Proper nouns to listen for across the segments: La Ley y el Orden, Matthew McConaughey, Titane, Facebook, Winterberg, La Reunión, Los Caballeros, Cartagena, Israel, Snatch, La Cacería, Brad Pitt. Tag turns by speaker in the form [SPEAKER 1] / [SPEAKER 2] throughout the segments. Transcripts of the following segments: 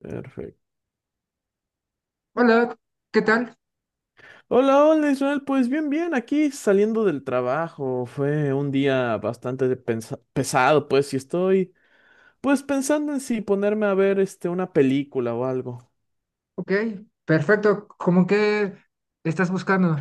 [SPEAKER 1] Perfecto.
[SPEAKER 2] Hola, ¿qué tal?
[SPEAKER 1] Hola, hola Israel, pues bien, bien, aquí saliendo del trabajo, fue un día bastante pesado, pues, y estoy, pues, pensando en si ponerme a ver, este, una película o algo.
[SPEAKER 2] Ok, perfecto. ¿Cómo que estás buscando?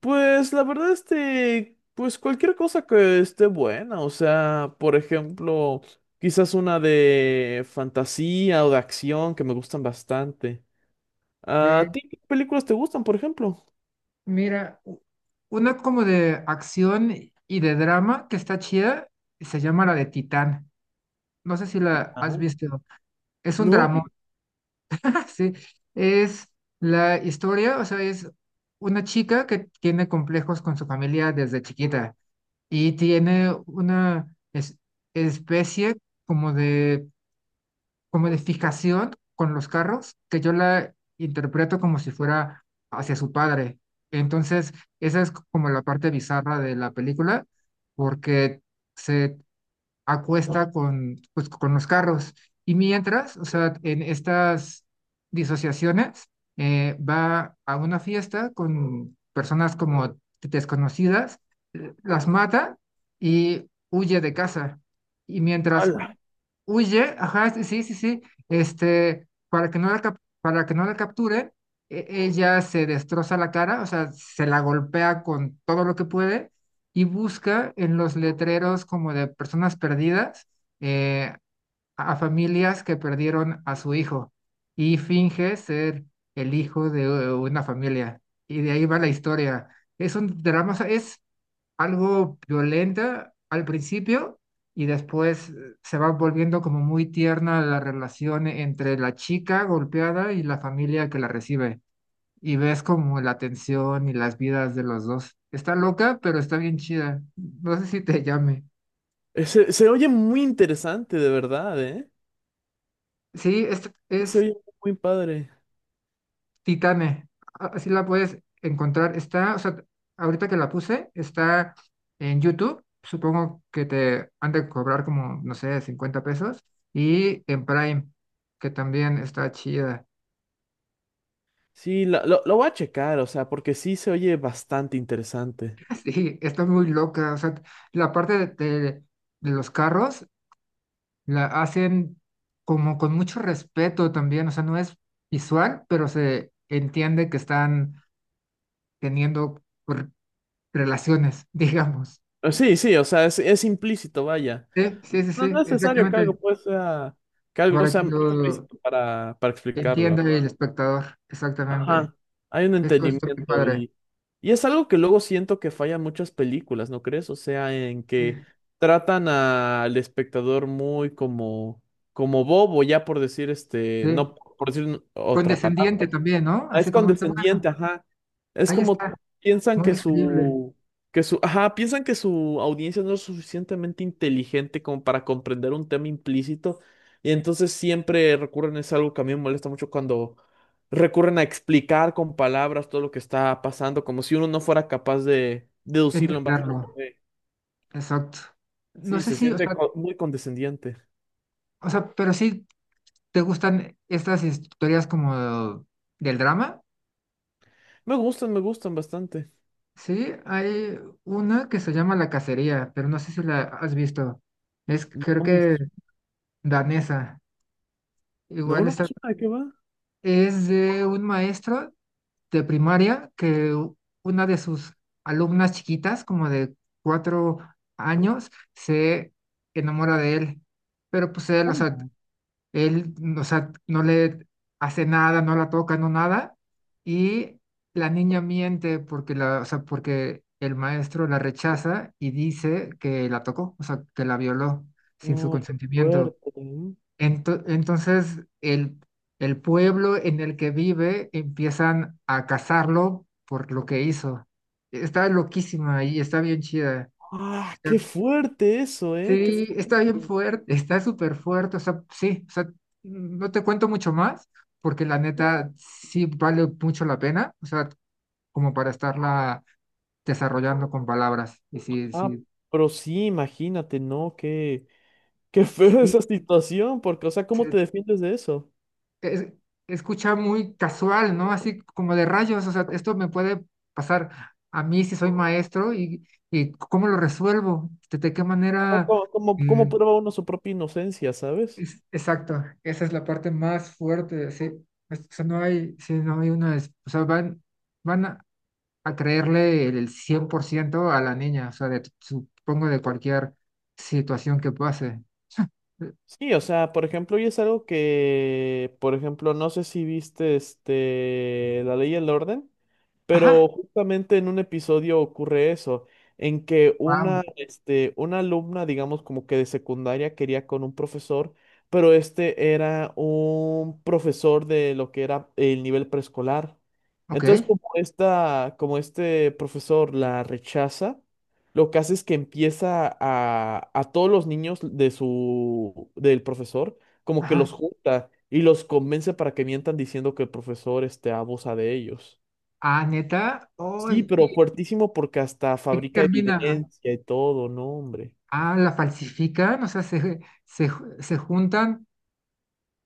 [SPEAKER 1] Pues, la verdad, este, pues, cualquier cosa que esté buena, o sea, por ejemplo, quizás una de fantasía o de acción que me gustan bastante.
[SPEAKER 2] Eh,
[SPEAKER 1] ¿A ti qué películas te gustan, por ejemplo?
[SPEAKER 2] mira, una como de acción y de drama que está chida, se llama la de Titán. No sé si la
[SPEAKER 1] Ajá.
[SPEAKER 2] has visto. Es un
[SPEAKER 1] No,
[SPEAKER 2] drama, sí. Es la historia, o sea, es una chica que tiene complejos con su familia desde chiquita y tiene una es- especie como de como de fijación con los carros, que yo la interpreto como si fuera hacia su padre. Entonces, esa es como la parte bizarra de la película, porque se acuesta pues con los carros. Y mientras, o sea, en estas disociaciones, va a una fiesta con personas como desconocidas, las mata y huye de casa. Y mientras
[SPEAKER 1] ala.
[SPEAKER 2] huye, ajá, sí, sí, sí, sí, para que no la capture, ella se destroza la cara, o sea, se la golpea con todo lo que puede y busca en los letreros como de personas perdidas eh, a familias que perdieron a su hijo y finge ser el hijo de una familia. Y de ahí va la historia. Es un drama, o sea, es algo violenta al principio y después se va volviendo como muy tierna la relación entre la chica golpeada y la familia que la recibe. Y ves como la tensión y las vidas de los dos. Está loca, pero está bien chida. No sé si te llame.
[SPEAKER 1] Se oye muy interesante, de verdad, ¿eh?
[SPEAKER 2] Sí, es,
[SPEAKER 1] Se
[SPEAKER 2] es
[SPEAKER 1] oye muy padre.
[SPEAKER 2] Titane, así la puedes encontrar. Está, o sea, ahorita que la puse, está en YouTube. Supongo que te han de cobrar como, no sé, 50 pesos. Y en Prime, que también está chida.
[SPEAKER 1] Sí, lo voy a checar, o sea, porque sí se oye bastante interesante.
[SPEAKER 2] Sí, está muy loca. O sea, la parte de los carros la hacen como con mucho respeto también. O sea, no es visual, pero se entiende que están teniendo r- relaciones, digamos.
[SPEAKER 1] Sí, sí, o sea, es implícito, vaya.
[SPEAKER 2] Sí, sí, sí,
[SPEAKER 1] No, no
[SPEAKER 2] sí,
[SPEAKER 1] es necesario que algo
[SPEAKER 2] exactamente,
[SPEAKER 1] pues sea, que algo
[SPEAKER 2] para
[SPEAKER 1] sea
[SPEAKER 2] que lo
[SPEAKER 1] explícito para, explicarlo, la,
[SPEAKER 2] entienda el
[SPEAKER 1] ¿verdad?
[SPEAKER 2] espectador, exactamente.
[SPEAKER 1] Ajá, hay un
[SPEAKER 2] Eso es muy
[SPEAKER 1] entendimiento
[SPEAKER 2] padre.
[SPEAKER 1] y es algo que luego siento que fallan muchas películas, ¿no crees? O sea, en
[SPEAKER 2] Sí,
[SPEAKER 1] que tratan al espectador muy como bobo, ya por decir este, no
[SPEAKER 2] sí.
[SPEAKER 1] por decir otra palabra.
[SPEAKER 2] Condescendiente también, ¿no?
[SPEAKER 1] Ah, es
[SPEAKER 2] Así como, bueno,
[SPEAKER 1] condescendiente, ajá. Es
[SPEAKER 2] ahí
[SPEAKER 1] como
[SPEAKER 2] está,
[SPEAKER 1] piensan
[SPEAKER 2] muy
[SPEAKER 1] que
[SPEAKER 2] digerible
[SPEAKER 1] su, ajá, piensan que su audiencia no es suficientemente inteligente como para comprender un tema implícito. Y entonces siempre recurren, es algo que a mí me molesta mucho cuando recurren a explicar con palabras todo lo que está pasando, como si uno no fuera capaz de deducirlo en base a lo que
[SPEAKER 2] entenderlo.
[SPEAKER 1] ve.
[SPEAKER 2] Exacto. No
[SPEAKER 1] Sí,
[SPEAKER 2] sé
[SPEAKER 1] se
[SPEAKER 2] si, o
[SPEAKER 1] siente
[SPEAKER 2] sea,
[SPEAKER 1] muy condescendiente.
[SPEAKER 2] o sea, pero sí te gustan estas historias como del drama.
[SPEAKER 1] Me gustan bastante.
[SPEAKER 2] Sí, hay una que se llama La Cacería, pero no sé si la has visto. Es creo
[SPEAKER 1] No me,
[SPEAKER 2] que
[SPEAKER 1] su-
[SPEAKER 2] danesa.
[SPEAKER 1] no,
[SPEAKER 2] Igual
[SPEAKER 1] no me
[SPEAKER 2] está
[SPEAKER 1] suena de qué va.
[SPEAKER 2] Es de un maestro de primaria que una de sus alumnas chiquitas, como de 4 años, se enamora de él. Pero pues él, o sea,
[SPEAKER 1] ¿Cómo?
[SPEAKER 2] él, o sea, no le hace nada, no la toca, no nada. Y la niña miente porque el maestro la rechaza y dice que la tocó, o sea, que la violó sin su
[SPEAKER 1] No, qué
[SPEAKER 2] consentimiento.
[SPEAKER 1] fuerte.
[SPEAKER 2] Entonces, el pueblo en el que vive empiezan a cazarlo por lo que hizo. Está loquísima y está bien chida.
[SPEAKER 1] Ah,
[SPEAKER 2] Está-
[SPEAKER 1] qué fuerte eso, ¿eh? Qué
[SPEAKER 2] sí, está bien
[SPEAKER 1] fuerte.
[SPEAKER 2] fuerte, está súper fuerte. O sea, sí, o sea, no te cuento mucho más porque la neta sí vale mucho la pena. O sea, como para estarla desarrollando con palabras. Y sí,
[SPEAKER 1] Ah,
[SPEAKER 2] sí,
[SPEAKER 1] pero sí, imagínate, ¿no? Qué, qué feo
[SPEAKER 2] sí,
[SPEAKER 1] esa situación, porque, o sea, ¿cómo te
[SPEAKER 2] sí,
[SPEAKER 1] defiendes de eso?
[SPEAKER 2] es- escucha muy casual, ¿no? Así como de rayos, o sea, esto me puede pasar a mí si soy maestro y cómo lo resuelvo, de qué
[SPEAKER 1] ¿Cómo,
[SPEAKER 2] manera.
[SPEAKER 1] cómo, cómo- cómo
[SPEAKER 2] eh,
[SPEAKER 1] prueba uno su propia inocencia, sabes?
[SPEAKER 2] exacto, esa es la parte más fuerte, sí. O sea, no hay, sí, no hay una. O sea, van a creerle el 100% a la niña, o sea, de, supongo de cualquier situación que pase.
[SPEAKER 1] Sí, o sea, por ejemplo, y es algo que, por ejemplo, no sé si viste este, La Ley y el Orden.
[SPEAKER 2] Ajá,
[SPEAKER 1] Pero justamente en un episodio ocurre eso, en que una,
[SPEAKER 2] wow,
[SPEAKER 1] este, una alumna, digamos como que de secundaria, quería con un profesor, pero este era un profesor de lo que era el nivel preescolar. Entonces,
[SPEAKER 2] ok.
[SPEAKER 1] como esta, como este profesor la rechaza, lo que hace es que empieza a todos los niños de del profesor, como que
[SPEAKER 2] Ajá.
[SPEAKER 1] los junta y los convence para que mientan diciendo que el profesor, este, abusa de ellos.
[SPEAKER 2] Ah, neta.
[SPEAKER 1] Sí,
[SPEAKER 2] Ay,
[SPEAKER 1] pero fuertísimo porque hasta
[SPEAKER 2] ¿en qué
[SPEAKER 1] fabrica
[SPEAKER 2] termina?
[SPEAKER 1] evidencia y todo, no, hombre.
[SPEAKER 2] Ah, la falsifican, o sea, se, se juntan.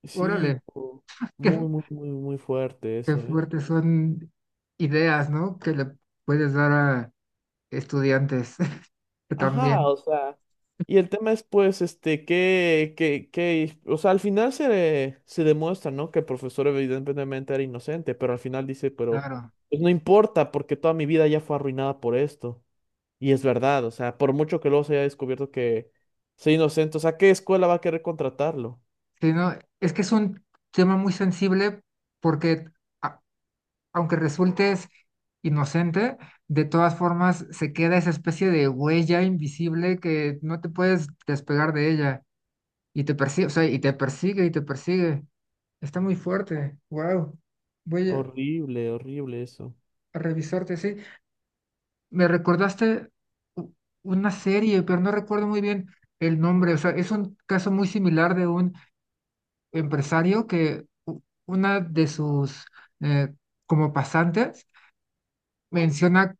[SPEAKER 1] Sí,
[SPEAKER 2] Órale,
[SPEAKER 1] muy,
[SPEAKER 2] qué,
[SPEAKER 1] muy, muy, muy fuerte
[SPEAKER 2] qué
[SPEAKER 1] eso, ¿eh?
[SPEAKER 2] fuertes son ideas, ¿no? Que le puedes dar a estudiantes que
[SPEAKER 1] Ajá,
[SPEAKER 2] también,
[SPEAKER 1] o sea, y el tema es pues, este, que, o sea, al final se demuestra, ¿no? Que el profesor evidentemente era inocente, pero al final dice, pero,
[SPEAKER 2] claro.
[SPEAKER 1] pues no importa porque toda mi vida ya fue arruinada por esto. Y es verdad, o sea, por mucho que luego se haya descubierto que sea inocente, o sea, ¿qué escuela va a querer contratarlo?
[SPEAKER 2] Sí, no, es que es un tema muy sensible porque a- aunque resultes inocente, de todas formas se queda esa especie de huella invisible que no te puedes despegar de ella y te persigue, o sea, y te persigue y te persigue. Está muy fuerte, wow. Voy a
[SPEAKER 1] Horrible, horrible eso.
[SPEAKER 2] a revisarte, sí. Me recordaste u- una serie, pero no recuerdo muy bien el nombre. O sea, es un caso muy similar de un empresario que una de sus eh, como pasantes menciona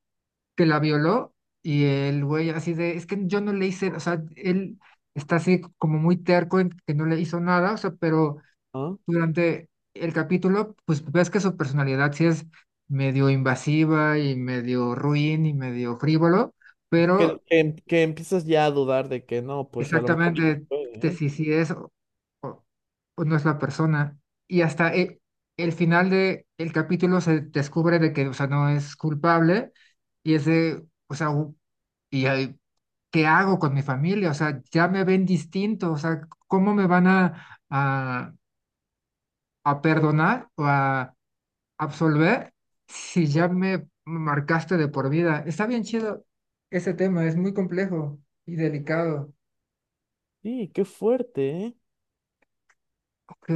[SPEAKER 2] que la violó y el güey así de, es que yo no le hice, o sea, él está así como muy terco en que no le hizo nada, o sea, pero
[SPEAKER 1] ¿Ah?
[SPEAKER 2] durante el capítulo, pues ves que su personalidad sí es medio invasiva y medio ruin y medio frívolo,
[SPEAKER 1] Que,
[SPEAKER 2] pero
[SPEAKER 1] que- que empiezas ya a dudar de que no, pues a lo mejor y sí
[SPEAKER 2] exactamente
[SPEAKER 1] puede, ¿eh?
[SPEAKER 2] si es o- o no es la persona. Y hasta el final de el capítulo se descubre de que, o sea, no es culpable y es de, o sea, y ahí, ¿qué hago con mi familia? O sea, ya me ven distinto, o sea, ¿cómo me van a perdonar o a absolver si ya me marcaste de por vida? Está bien chido ese tema, es muy complejo y delicado.
[SPEAKER 1] Sí, qué fuerte, ¿eh?
[SPEAKER 2] Ok,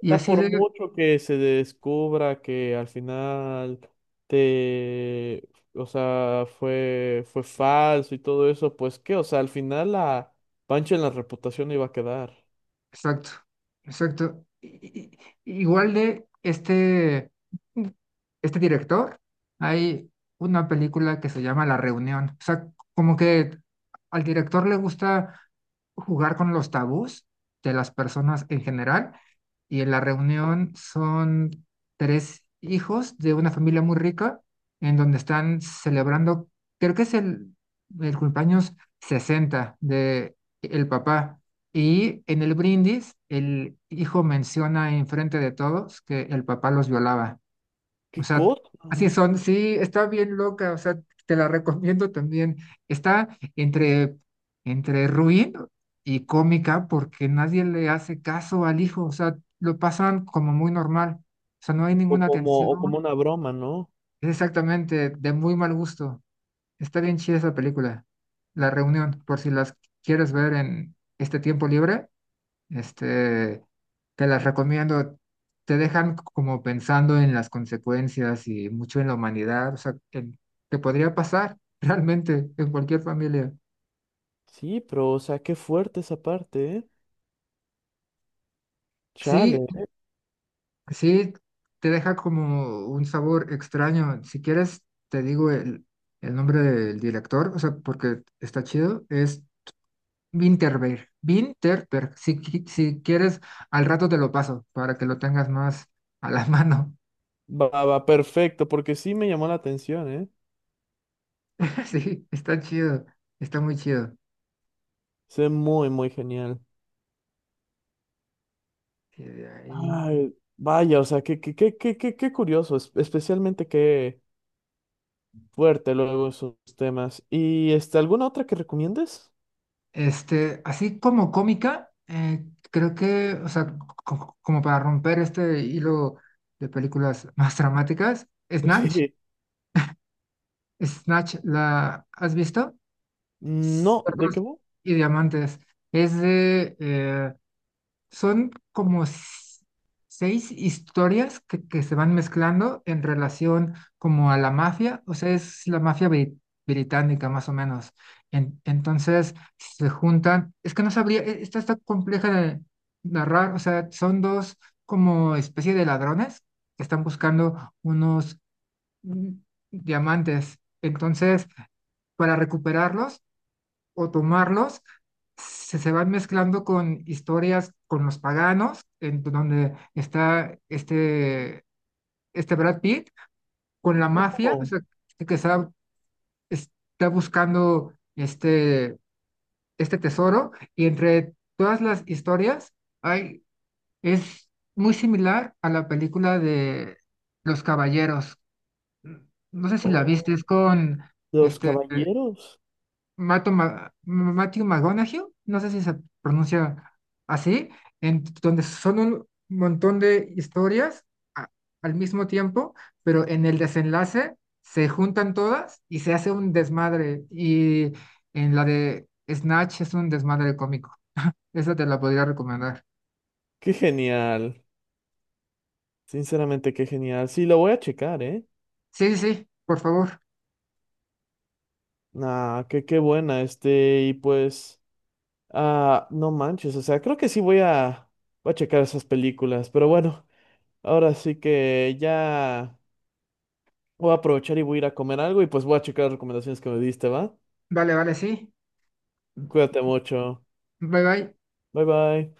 [SPEAKER 2] y
[SPEAKER 1] O
[SPEAKER 2] así
[SPEAKER 1] por
[SPEAKER 2] de.
[SPEAKER 1] mucho que se descubra que al final te, o sea, fue falso y todo eso, pues qué, o sea, al final la pancha en la reputación iba a quedar.
[SPEAKER 2] Exacto, exacto. Igual de este director, hay una película que se llama La Reunión. O sea, como que al director le gusta jugar con los tabús de las personas en general. Y en La Reunión son tres hijos de una familia muy rica en donde están celebrando, creo que es el cumpleaños 60 de el papá. Y en el brindis, el hijo menciona enfrente de todos que el papá los violaba. O
[SPEAKER 1] ¿Qué
[SPEAKER 2] sea,
[SPEAKER 1] cosa?
[SPEAKER 2] así son, sí, está bien loca, o sea, te la recomiendo también. Está entre, entre ruin y cómica porque nadie le hace caso al hijo, o sea, lo pasan como muy normal, o sea, no hay ninguna
[SPEAKER 1] O como
[SPEAKER 2] tensión,
[SPEAKER 1] una broma, ¿no?
[SPEAKER 2] es exactamente de muy mal gusto. Está bien chida esa película, La Reunión, por si las quieres ver en este tiempo libre, este, te las recomiendo. Te dejan como pensando en las consecuencias y mucho en la humanidad, o sea, que podría pasar realmente en cualquier familia.
[SPEAKER 1] Sí, pero, o sea, qué fuerte esa parte, ¿eh?
[SPEAKER 2] Sí,
[SPEAKER 1] Chale.
[SPEAKER 2] sí, te deja como un sabor extraño. Si quieres, te digo el nombre del director, o sea, porque está chido, es Winterberg. Winterberg, si quieres, al rato te lo paso para que lo tengas más a la mano.
[SPEAKER 1] Va, va, perfecto, porque sí me llamó la atención, ¿eh?
[SPEAKER 2] Sí, está chido, está muy chido.
[SPEAKER 1] Se ve muy, muy genial.
[SPEAKER 2] Y de ahí,
[SPEAKER 1] Ay, vaya, o sea, qué, qué, qué, qué, qué, qué curioso, especialmente qué fuerte luego esos temas. ¿Y este, alguna otra que recomiendes?
[SPEAKER 2] así como cómica, creo que, o sea, como para romper este hilo de películas más dramáticas, Snatch,
[SPEAKER 1] Sí.
[SPEAKER 2] Snatch, ¿la has visto?
[SPEAKER 1] No, ¿de qué
[SPEAKER 2] Cerdos
[SPEAKER 1] va?
[SPEAKER 2] y diamantes. Es de Son como seis historias que se van mezclando en relación como a la mafia, o sea, es la mafia británica más o menos. Entonces se juntan, es que no sabría, esta está compleja de narrar, o sea, son dos como especie de ladrones que están buscando unos mm, diamantes. Entonces, para recuperarlos, o tomarlos, se van mezclando con historias con los paganos, en donde está este Brad Pitt, con la mafia, o
[SPEAKER 1] Oh.
[SPEAKER 2] sea, que está buscando este tesoro, y entre todas las historias hay, es muy similar a la película de Los Caballeros. No sé si la viste,
[SPEAKER 1] Oh,
[SPEAKER 2] es con
[SPEAKER 1] Los
[SPEAKER 2] este
[SPEAKER 1] Caballeros.
[SPEAKER 2] Matthew McConaughey, no sé si se pronuncia así, en donde son un montón de historias a- al mismo tiempo, pero en el desenlace se juntan todas y se hace un desmadre. Y en la de Snatch es un desmadre cómico. Esa te la podría recomendar.
[SPEAKER 1] Qué genial. Sinceramente, qué genial. Sí, lo voy a checar, ¿eh?
[SPEAKER 2] Sí, sí, sí, por favor.
[SPEAKER 1] Ah, qué, qué buena, este, y pues, ah, no manches, o sea, creo que sí voy a, checar esas películas, pero bueno, ahora sí que ya. Voy a aprovechar y voy a ir a comer algo y pues voy a checar las recomendaciones que me diste, ¿va?
[SPEAKER 2] Vale, vale, sí.
[SPEAKER 1] Cuídate mucho.
[SPEAKER 2] Bye, bye.
[SPEAKER 1] Bye bye.